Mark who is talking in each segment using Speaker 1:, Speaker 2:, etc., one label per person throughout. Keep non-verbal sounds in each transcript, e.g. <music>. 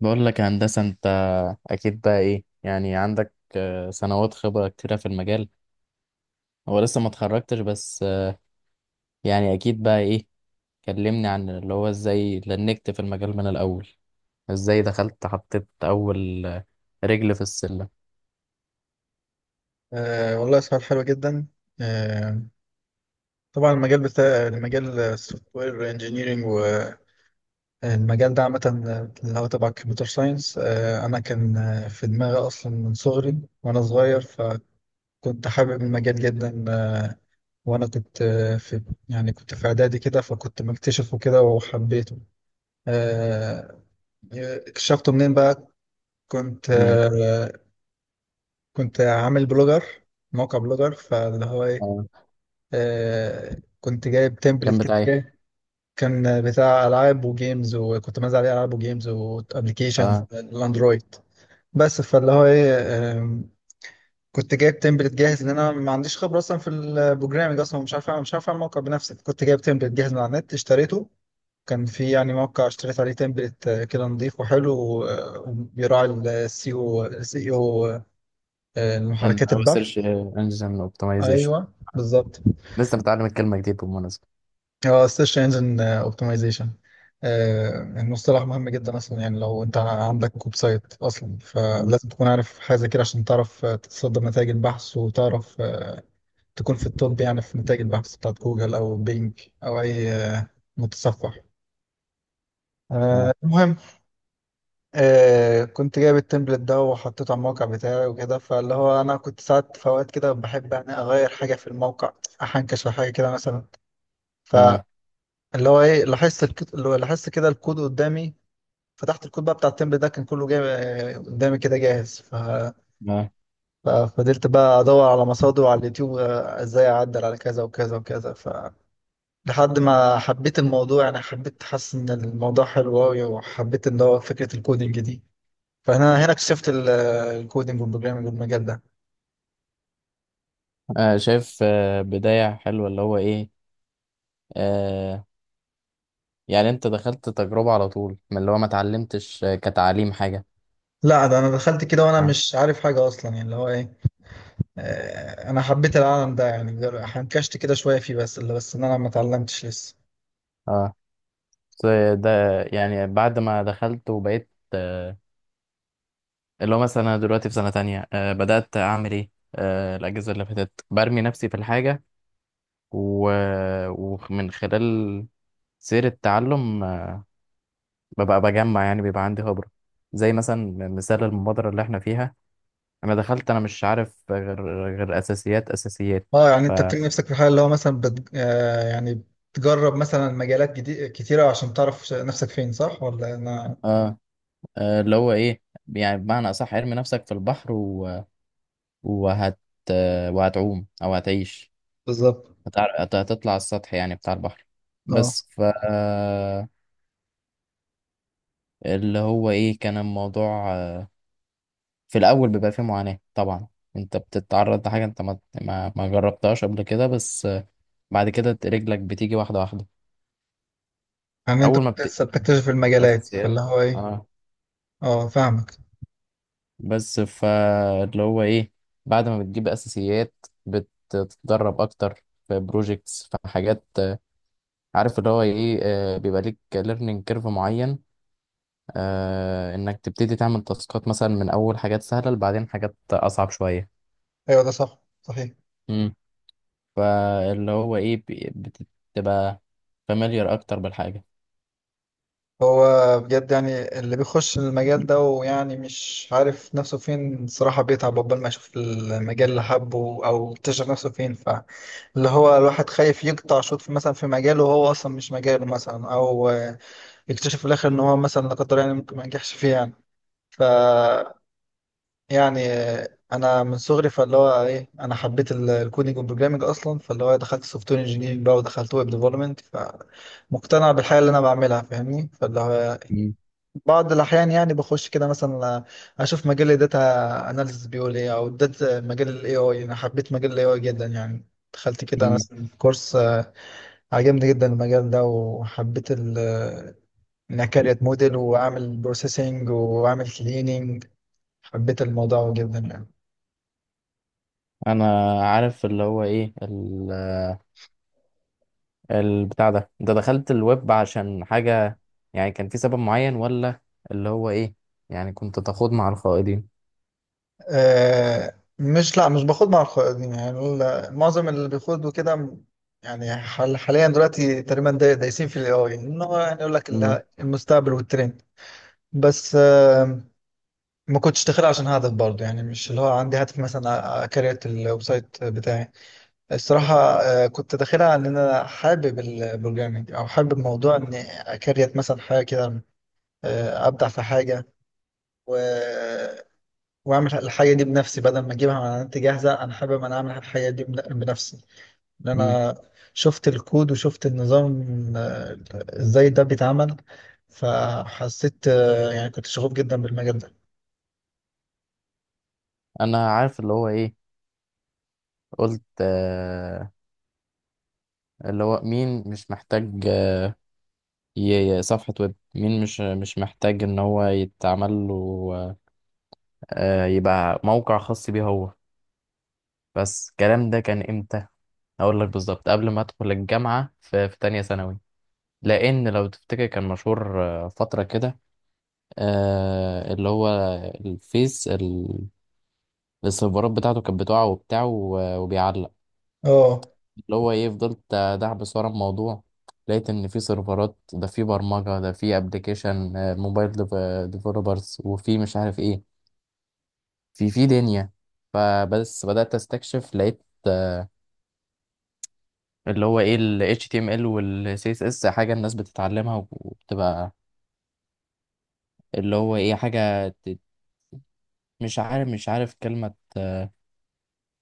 Speaker 1: بقول لك يا هندسة. انت اكيد بقى ايه، يعني عندك سنوات خبرة كتيرة في المجال. هو لسه ما اتخرجتش بس يعني اكيد بقى ايه. كلمني عن اللي هو ازاي لنكت في المجال من الاول، ازاي دخلت حطيت اول رجل في السلم.
Speaker 2: أه، والله سؤال حلو جدا. أه طبعا المجال بتاع المجال السوفت وير انجينيرنج، والمجال ده عامة اللي هو تبع الكمبيوتر ساينس. أنا كان في دماغي أصلا من صغري. وأنا صغير فكنت حابب المجال جدا. وأنا كنت آه، في يعني كنت في إعدادي كده، فكنت مكتشفه كده وحبيته. أه اكتشفته منين بقى؟ كنت
Speaker 1: مين؟
Speaker 2: أه كنت عامل بلوجر، موقع بلوجر، فاللي هو إيه،
Speaker 1: اه.
Speaker 2: كنت جايب تمبلت
Speaker 1: كان
Speaker 2: كده
Speaker 1: بتاعي.
Speaker 2: جاي. كان بتاع العاب وجيمز، وكنت منزل عليه العاب وجيمز وابلكيشنز
Speaker 1: اه،
Speaker 2: الاندرويد بس. فاللي هو ايه، آم، كنت جايب تمبلت جاهز، لان انا ما عنديش خبره اصلا في البروجرامنج، اصلا مش عارف اعمل موقع بنفسي. كنت جايب تمبلت جاهز من على النت اشتريته. كان في يعني موقع اشتريت عليه تمبلت، كده نظيف وحلو وبيراعي السي او محركات البحث.
Speaker 1: السيرش انجن اوبتمايزيشن
Speaker 2: ايوه بالظبط.
Speaker 1: لسه متعلم الكلمة جديد بالمناسبة.
Speaker 2: اه السيرش انجن اوبتمايزيشن، المصطلح مهم جدا اصلا. يعني لو انت عندك ويب سايت اصلا،
Speaker 1: مم.
Speaker 2: فلازم تكون عارف حاجه زي كده عشان تعرف تتصدر نتائج البحث، وتعرف تكون في التوب، يعني في نتائج البحث بتاعت جوجل او بينج او اي متصفح.
Speaker 1: اه.
Speaker 2: المهم، كنت جايب التمبلت ده وحطيته على الموقع بتاعي وكده. فاللي هو انا كنت ساعات في اوقات كده بحب يعني اغير حاجه في الموقع، احنكش في حاجه كده مثلا. ف
Speaker 1: اه.
Speaker 2: اللي هو ايه اللي هو لاحظت كده الكود قدامي. فتحت الكود بقى بتاع التمبل ده، كان كله جاي قدامي كده جاهز.
Speaker 1: اه.
Speaker 2: ففضلت بقى ادور على مصادر على اليوتيوب، ازاي اعدل على كذا وكذا وكذا، ف لحد ما حبيت الموضوع. يعني حبيت، حاسس ان الموضوع حلو قوي، وحبيت ان هو فكره الكودينج دي. فانا هنا اكتشفت الكودينج والبروجرامنج والمجال ده.
Speaker 1: شايف بداية حلوة اللي هو ايه. آه، يعني انت دخلت تجربة على طول، من اللي هو ما اتعلمتش كتعليم حاجة.
Speaker 2: لا ده انا دخلت كده وانا
Speaker 1: اه.
Speaker 2: مش عارف حاجه اصلا، يعني اللي هو ايه، انا حبيت العالم ده يعني. حنكشت كده شويه فيه، بس اللي بس ان انا ما اتعلمتش لسه.
Speaker 1: اه بس. ده يعني بعد ما دخلت وبقيت اللي هو مثلا انا دلوقتي في سنة تانية، بدأت اعمل ايه، الاجازة اللي فاتت برمي نفسي في الحاجة و... ومن خلال سير التعلم، ببقى بجمع، يعني بيبقى عندي خبرة زي مثلا مثال المبادرة اللي احنا فيها. انا دخلت انا مش عارف غير، غير اساسيات.
Speaker 2: اه، يعني
Speaker 1: ف
Speaker 2: انت بتلاقي نفسك في حاله اللي هو مثلا بت... آه يعني بتجرب مثلا مجالات جديدة كتيرة، عشان تعرف نفسك فين، صح ولا انا؟
Speaker 1: اللي هو ايه، يعني بمعنى اصح ارمي نفسك في البحر وهت وهتعوم او هتعيش.
Speaker 2: بالظبط.
Speaker 1: هتطلع على السطح يعني بتاع البحر.
Speaker 2: اه،
Speaker 1: بس ف اللي هو ايه، كان الموضوع في الاول بيبقى فيه معاناة طبعا. انت بتتعرض لحاجة انت ما جربتهاش قبل كده، بس بعد كده رجلك بتيجي واحدة واحدة.
Speaker 2: يعني انت
Speaker 1: اول ما
Speaker 2: كنت
Speaker 1: بت
Speaker 2: لسه بتكتشف المجالات،
Speaker 1: اساسيات.
Speaker 2: فاللي هو ايه.
Speaker 1: اه.
Speaker 2: اه، فاهمك.
Speaker 1: بس فاللي هو ايه، بعد ما بتجيب اساسيات بتتدرب اكتر في بروجيكتس، في حاجات عارف اللي هو ايه، بيبقى ليك ليرنينج كيرف معين، انك تبتدي تعمل تاسكات مثلا من اول حاجات سهله لبعدين حاجات اصعب شويه.
Speaker 2: ايوه ده صح صحيح.
Speaker 1: امم فاللي هو ايه، بتبقى فاميليار اكتر بالحاجه.
Speaker 2: هو بجد يعني اللي بيخش المجال ده، ويعني مش عارف نفسه فين الصراحة، بيتعب عقبال ما يشوف المجال اللي حبه او يكتشف نفسه فين. ف اللي هو الواحد خايف يقطع شوط في مثلا في مجاله، وهو اصلا مش مجاله مثلا، او يكتشف في الاخر ان هو مثلا لا قدر، يعني ممكن ما ينجحش فيه يعني. ف يعني انا من صغري فاللي هو ايه، انا حبيت الكودينج والبروجرامنج اصلا. فاللي هو دخلت سوفت وير انجينيرنج بقى، ودخلت ويب ديفلوبمنت، فمقتنع بالحاجه اللي انا بعملها، فاهمني. فاللي هو
Speaker 1: امم
Speaker 2: بعض الاحيان يعني بخش كده مثلا، اشوف مجال الداتا اناليسيس بيقول ايه، او داتا مجال الاي اي. انا حبيت مجال الاي اي جدا يعني، دخلت كده
Speaker 1: امم.
Speaker 2: مثلا كورس، عجبني جدا المجال ده، وحبيت انا كاريت موديل واعمل بروسيسنج واعمل كليننج. حبيت الموضوع جدا يعني.
Speaker 1: انا عارف اللي هو ايه، البتاع ده انت دخلت الويب عشان حاجة، يعني كان في سبب معين ولا اللي هو ايه؟ يعني كنت تخوض مع الخائضين؟
Speaker 2: أه مش، لا مش باخد مع الخوارزمي، يعني معظم اللي بيخوضوا كده يعني حاليا دلوقتي تقريبا دايسين في الاي اي. ان هو يعني يقول لك
Speaker 1: مم.
Speaker 2: المستقبل والترند. بس ما كنتش داخل عشان هدف برضه، يعني مش اللي هو عندي هدف مثلا اكريت الويب سايت بتاعي الصراحة. كنت داخلها إن أنا حابب البروجرامينج، أو حابب موضوع إني أكريت مثلا حاجة كده، ابدع في حاجه، و... واعمل الحاجه دي بنفسي بدل ما اجيبها من على النت جاهزه. انا حابب انا اعمل الحاجه دي بنفسي، ان
Speaker 1: مم.
Speaker 2: انا شفت الكود وشفت النظام، آه، ازاي ده بيتعمل. فحسيت يعني كنت شغوف جدا بالمجال ده.
Speaker 1: انا عارف اللي هو ايه. قلت آه اللي هو مين مش محتاج صفحة ويب؟ مين مش محتاج ان هو يتعمل له آه، يبقى موقع خاص بيه هو؟ بس الكلام ده كان امتى؟ اقول لك بالظبط قبل ما ادخل الجامعة، في تانية ثانوي. لان لو تفتكر كان مشهور فترة كده، آه اللي هو الفيس ال- السيرفرات بتاعته كانت بتقع وبتاع وبيعلق.
Speaker 2: اه.
Speaker 1: اللي هو ايه فضلت دعبس ورا الموضوع، لقيت ان في سيرفرات، ده في برمجة، ده في ابلكيشن موبايل ديفلوبرز، وفي مش عارف ايه، في في دنيا. فبس بدأت استكشف، لقيت اللي هو ايه ال HTML وال CSS حاجة الناس بتتعلمها وبتبقى اللي هو ايه، مش عارف كلمة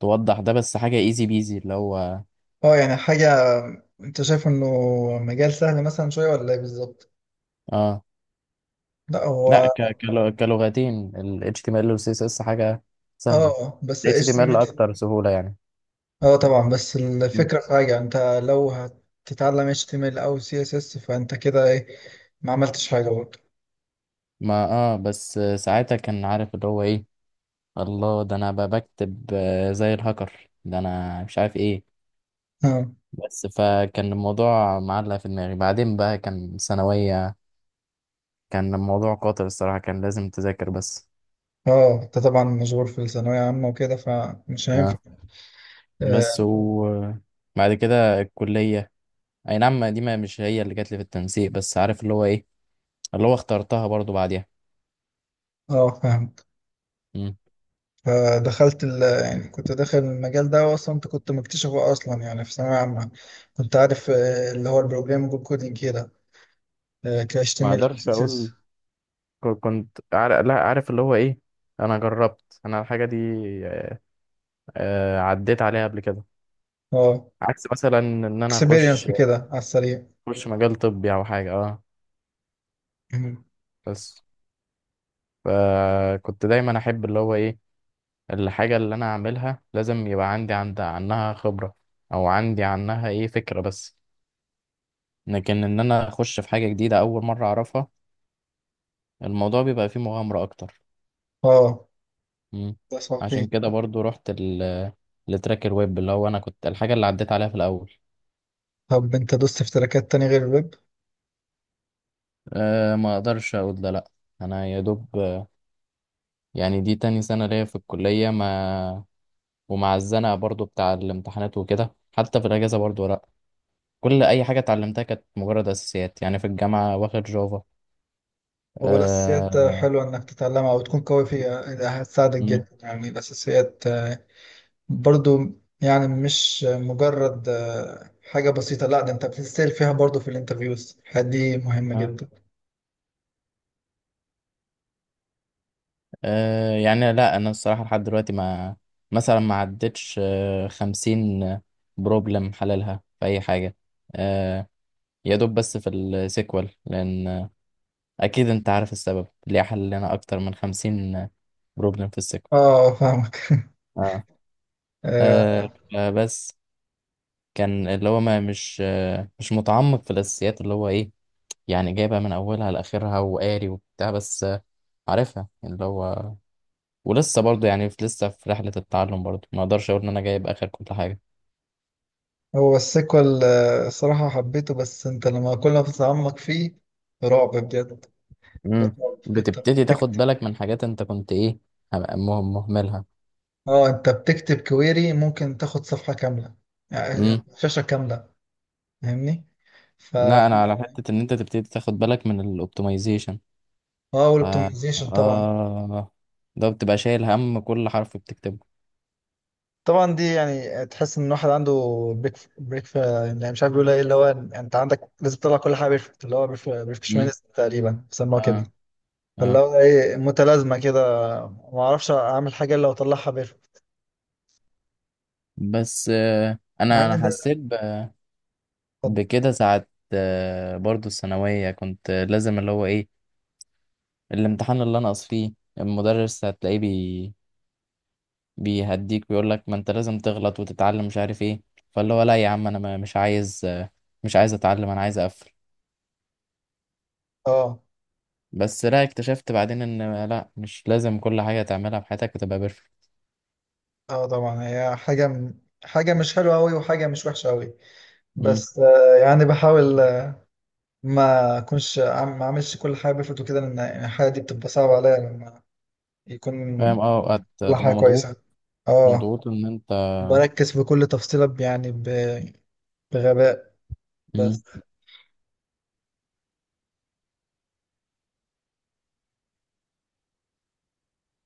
Speaker 1: توضح ده، بس حاجة ايزي بيزي اللي هو.
Speaker 2: اه، يعني حاجة. انت شايف انه مجال سهل مثلا شوية ولا ايه بالظبط؟
Speaker 1: اه.
Speaker 2: لا
Speaker 1: لا،
Speaker 2: هو.
Speaker 1: كلغتين ال HTML وال CSS حاجة سهلة.
Speaker 2: اه بس
Speaker 1: ال
Speaker 2: ايش.
Speaker 1: HTML أكتر سهولة يعني.
Speaker 2: اه طبعا، بس
Speaker 1: مم.
Speaker 2: الفكرة في حاجة: انت لو هتتعلم HTML او CSS، فانت كده ايه، ما عملتش حاجة برضه.
Speaker 1: ما اه بس ساعتها كان عارف اللي هو ايه، الله ده انا بقى بكتب زي الهاكر ده انا مش عارف ايه.
Speaker 2: اه.
Speaker 1: بس فكان الموضوع معلق في دماغي. بعدين بقى كان ثانوية، كان الموضوع قاتل الصراحة، كان لازم تذاكر بس.
Speaker 2: اه، انت طبعا مشغول في الثانوية عامة وكده فمش هينفع.
Speaker 1: اه، بس
Speaker 2: اه.
Speaker 1: وبعد كده الكلية. اي نعم، دي ما مش هي اللي جات لي في التنسيق، بس عارف اللي هو ايه، اللي هو اخترتها برضو بعديها.
Speaker 2: فاهمك.
Speaker 1: مم.
Speaker 2: فدخلت ال يعني كنت داخل المجال ده واصلا، انت كنت مكتشفه اصلا يعني في ثانوية عامة. كنت عارف اللي هو البروجرامينج كودينج كده، ك
Speaker 1: ما
Speaker 2: HTML او
Speaker 1: اقدرش اقول
Speaker 2: CSS.
Speaker 1: كنت عارف، لا، عارف اللي هو ايه، انا جربت انا الحاجه دي، عديت عليها قبل كده.
Speaker 2: اه،
Speaker 1: عكس مثلا ان انا اخش،
Speaker 2: اكسبيرينس كده على السريع.
Speaker 1: اخش مجال طبي او حاجه اه.
Speaker 2: مم.
Speaker 1: بس فكنت دايما احب اللي هو ايه، الحاجه اللي انا اعملها لازم يبقى عندي عند عنها خبره، او عندي عنها ايه فكره بس. لكن ان انا اخش في حاجه جديده اول مره اعرفها، الموضوع بيبقى فيه مغامره اكتر.
Speaker 2: اه،
Speaker 1: مم.
Speaker 2: ده
Speaker 1: عشان
Speaker 2: صحيح.
Speaker 1: كده برضو رحت لتراك الويب، اللي هو انا كنت الحاجه اللي عديت عليها في الاول.
Speaker 2: طب انت دوست في تراكات تانية غير الويب؟
Speaker 1: أه ما اقدرش اقول ده، لا. انا يا دوب يعني دي تاني سنه ليا في الكليه، ما ومع الزنقه برضو بتاع الامتحانات وكده، حتى في الاجازه برضو لا، كل اي حاجه اتعلمتها كانت مجرد اساسيات. يعني في الجامعه واخد جافا
Speaker 2: هو الأساسيات
Speaker 1: أه.
Speaker 2: حلوة إنك تتعلمها وتكون قوي فيها، ده هتساعدك
Speaker 1: مم.
Speaker 2: جدا. يعني الأساسيات برضو، يعني مش مجرد حاجة بسيطة. لا ده أنت بتسأل فيها برضو في الانترفيوز، دي مهمة
Speaker 1: آه.
Speaker 2: جدا.
Speaker 1: أه يعني لا انا الصراحه لحد دلوقتي ما، مثلا ما عدتش 50 بروبلم حللها في اي حاجه، آه، يا دوب بس في السيكوال، لان اكيد انت عارف السبب ليه حلنا اكتر من 50 بروبلم في السيكوال.
Speaker 2: اه، فاهمك. <laughs>
Speaker 1: اه,
Speaker 2: آه،
Speaker 1: بس كان اللي هو ما مش آه مش متعمق في الاساسيات، اللي هو ايه، يعني جايبها من اولها لاخرها وقاري وبتاع بس آه عارفها اللي هو. ولسه برضو يعني لسه في رحلة التعلم برضو، ما اقدرش اقول ان انا جايب اخر كل حاجة.
Speaker 2: هو السيكوال، صراحة حبيته، بس أنت لما كل ما تتعمق فيه، رعب بجد.
Speaker 1: امم
Speaker 2: رعب. أنت
Speaker 1: بتبتدي تاخد
Speaker 2: بتكتب
Speaker 1: بالك من حاجات انت كنت ايه، مهملها.
Speaker 2: اه أنت بتكتب كويري ممكن تاخد صفحة كاملة. يعني شاشة كاملة، فاهمني؟ ف
Speaker 1: لا انا على حته ان انت تبتدي تاخد بالك من الاوبتمايزيشن.
Speaker 2: اه
Speaker 1: ف
Speaker 2: والاوبتمايزيشن طبعا.
Speaker 1: اه، ده بتبقى شايل هم كل حرف بتكتبه.
Speaker 2: طبعا، دي يعني تحس ان الواحد عنده بريك بريك في، يعني مش عارف يقول ايه. اللي هو انت عندك لازم تطلع كل حاجه بيرفكت، اللي هو
Speaker 1: مم.
Speaker 2: بيرفكشنست تقريبا بيسموها كده.
Speaker 1: اه.
Speaker 2: فاللي
Speaker 1: اه
Speaker 2: هو ايه، متلازمه كده، ما اعرفش اعمل حاجه الا واطلعها بيرفكت.
Speaker 1: بس
Speaker 2: مع
Speaker 1: انا
Speaker 2: ان
Speaker 1: انا
Speaker 2: ده
Speaker 1: حسيت ب- بكده ساعه، برضو الثانويه كنت لازم اللي هو ايه، الامتحان اللي انا اقص فيه المدرس هتلاقيه بي بيهديك، ويقول لك ما انت لازم تغلط وتتعلم مش عارف ايه. فاللي هو لا يا عم انا مش عايز مش عايز اتعلم انا عايز اقفل.
Speaker 2: اه
Speaker 1: بس لا، اكتشفت بعدين ان لا، مش لازم كل حاجة تعملها في حياتك تبقى بيرفكت.
Speaker 2: اه طبعا. هي حاجه مش حلوه قوي وحاجه مش وحشه قوي.
Speaker 1: مم.
Speaker 2: بس يعني بحاول ما اكونش ما اعملش كل حاجه بيرفكت وكده، لان يعني الحاجه دي بتبقى صعبه عليا لما يكون.
Speaker 1: فاهم. اه
Speaker 2: يلا حاجة
Speaker 1: هتبقى مضغوط.
Speaker 2: كويسة. اه،
Speaker 1: مضغوط ان انت.
Speaker 2: بركز في كل تفصيلة بغباء بس.
Speaker 1: مم.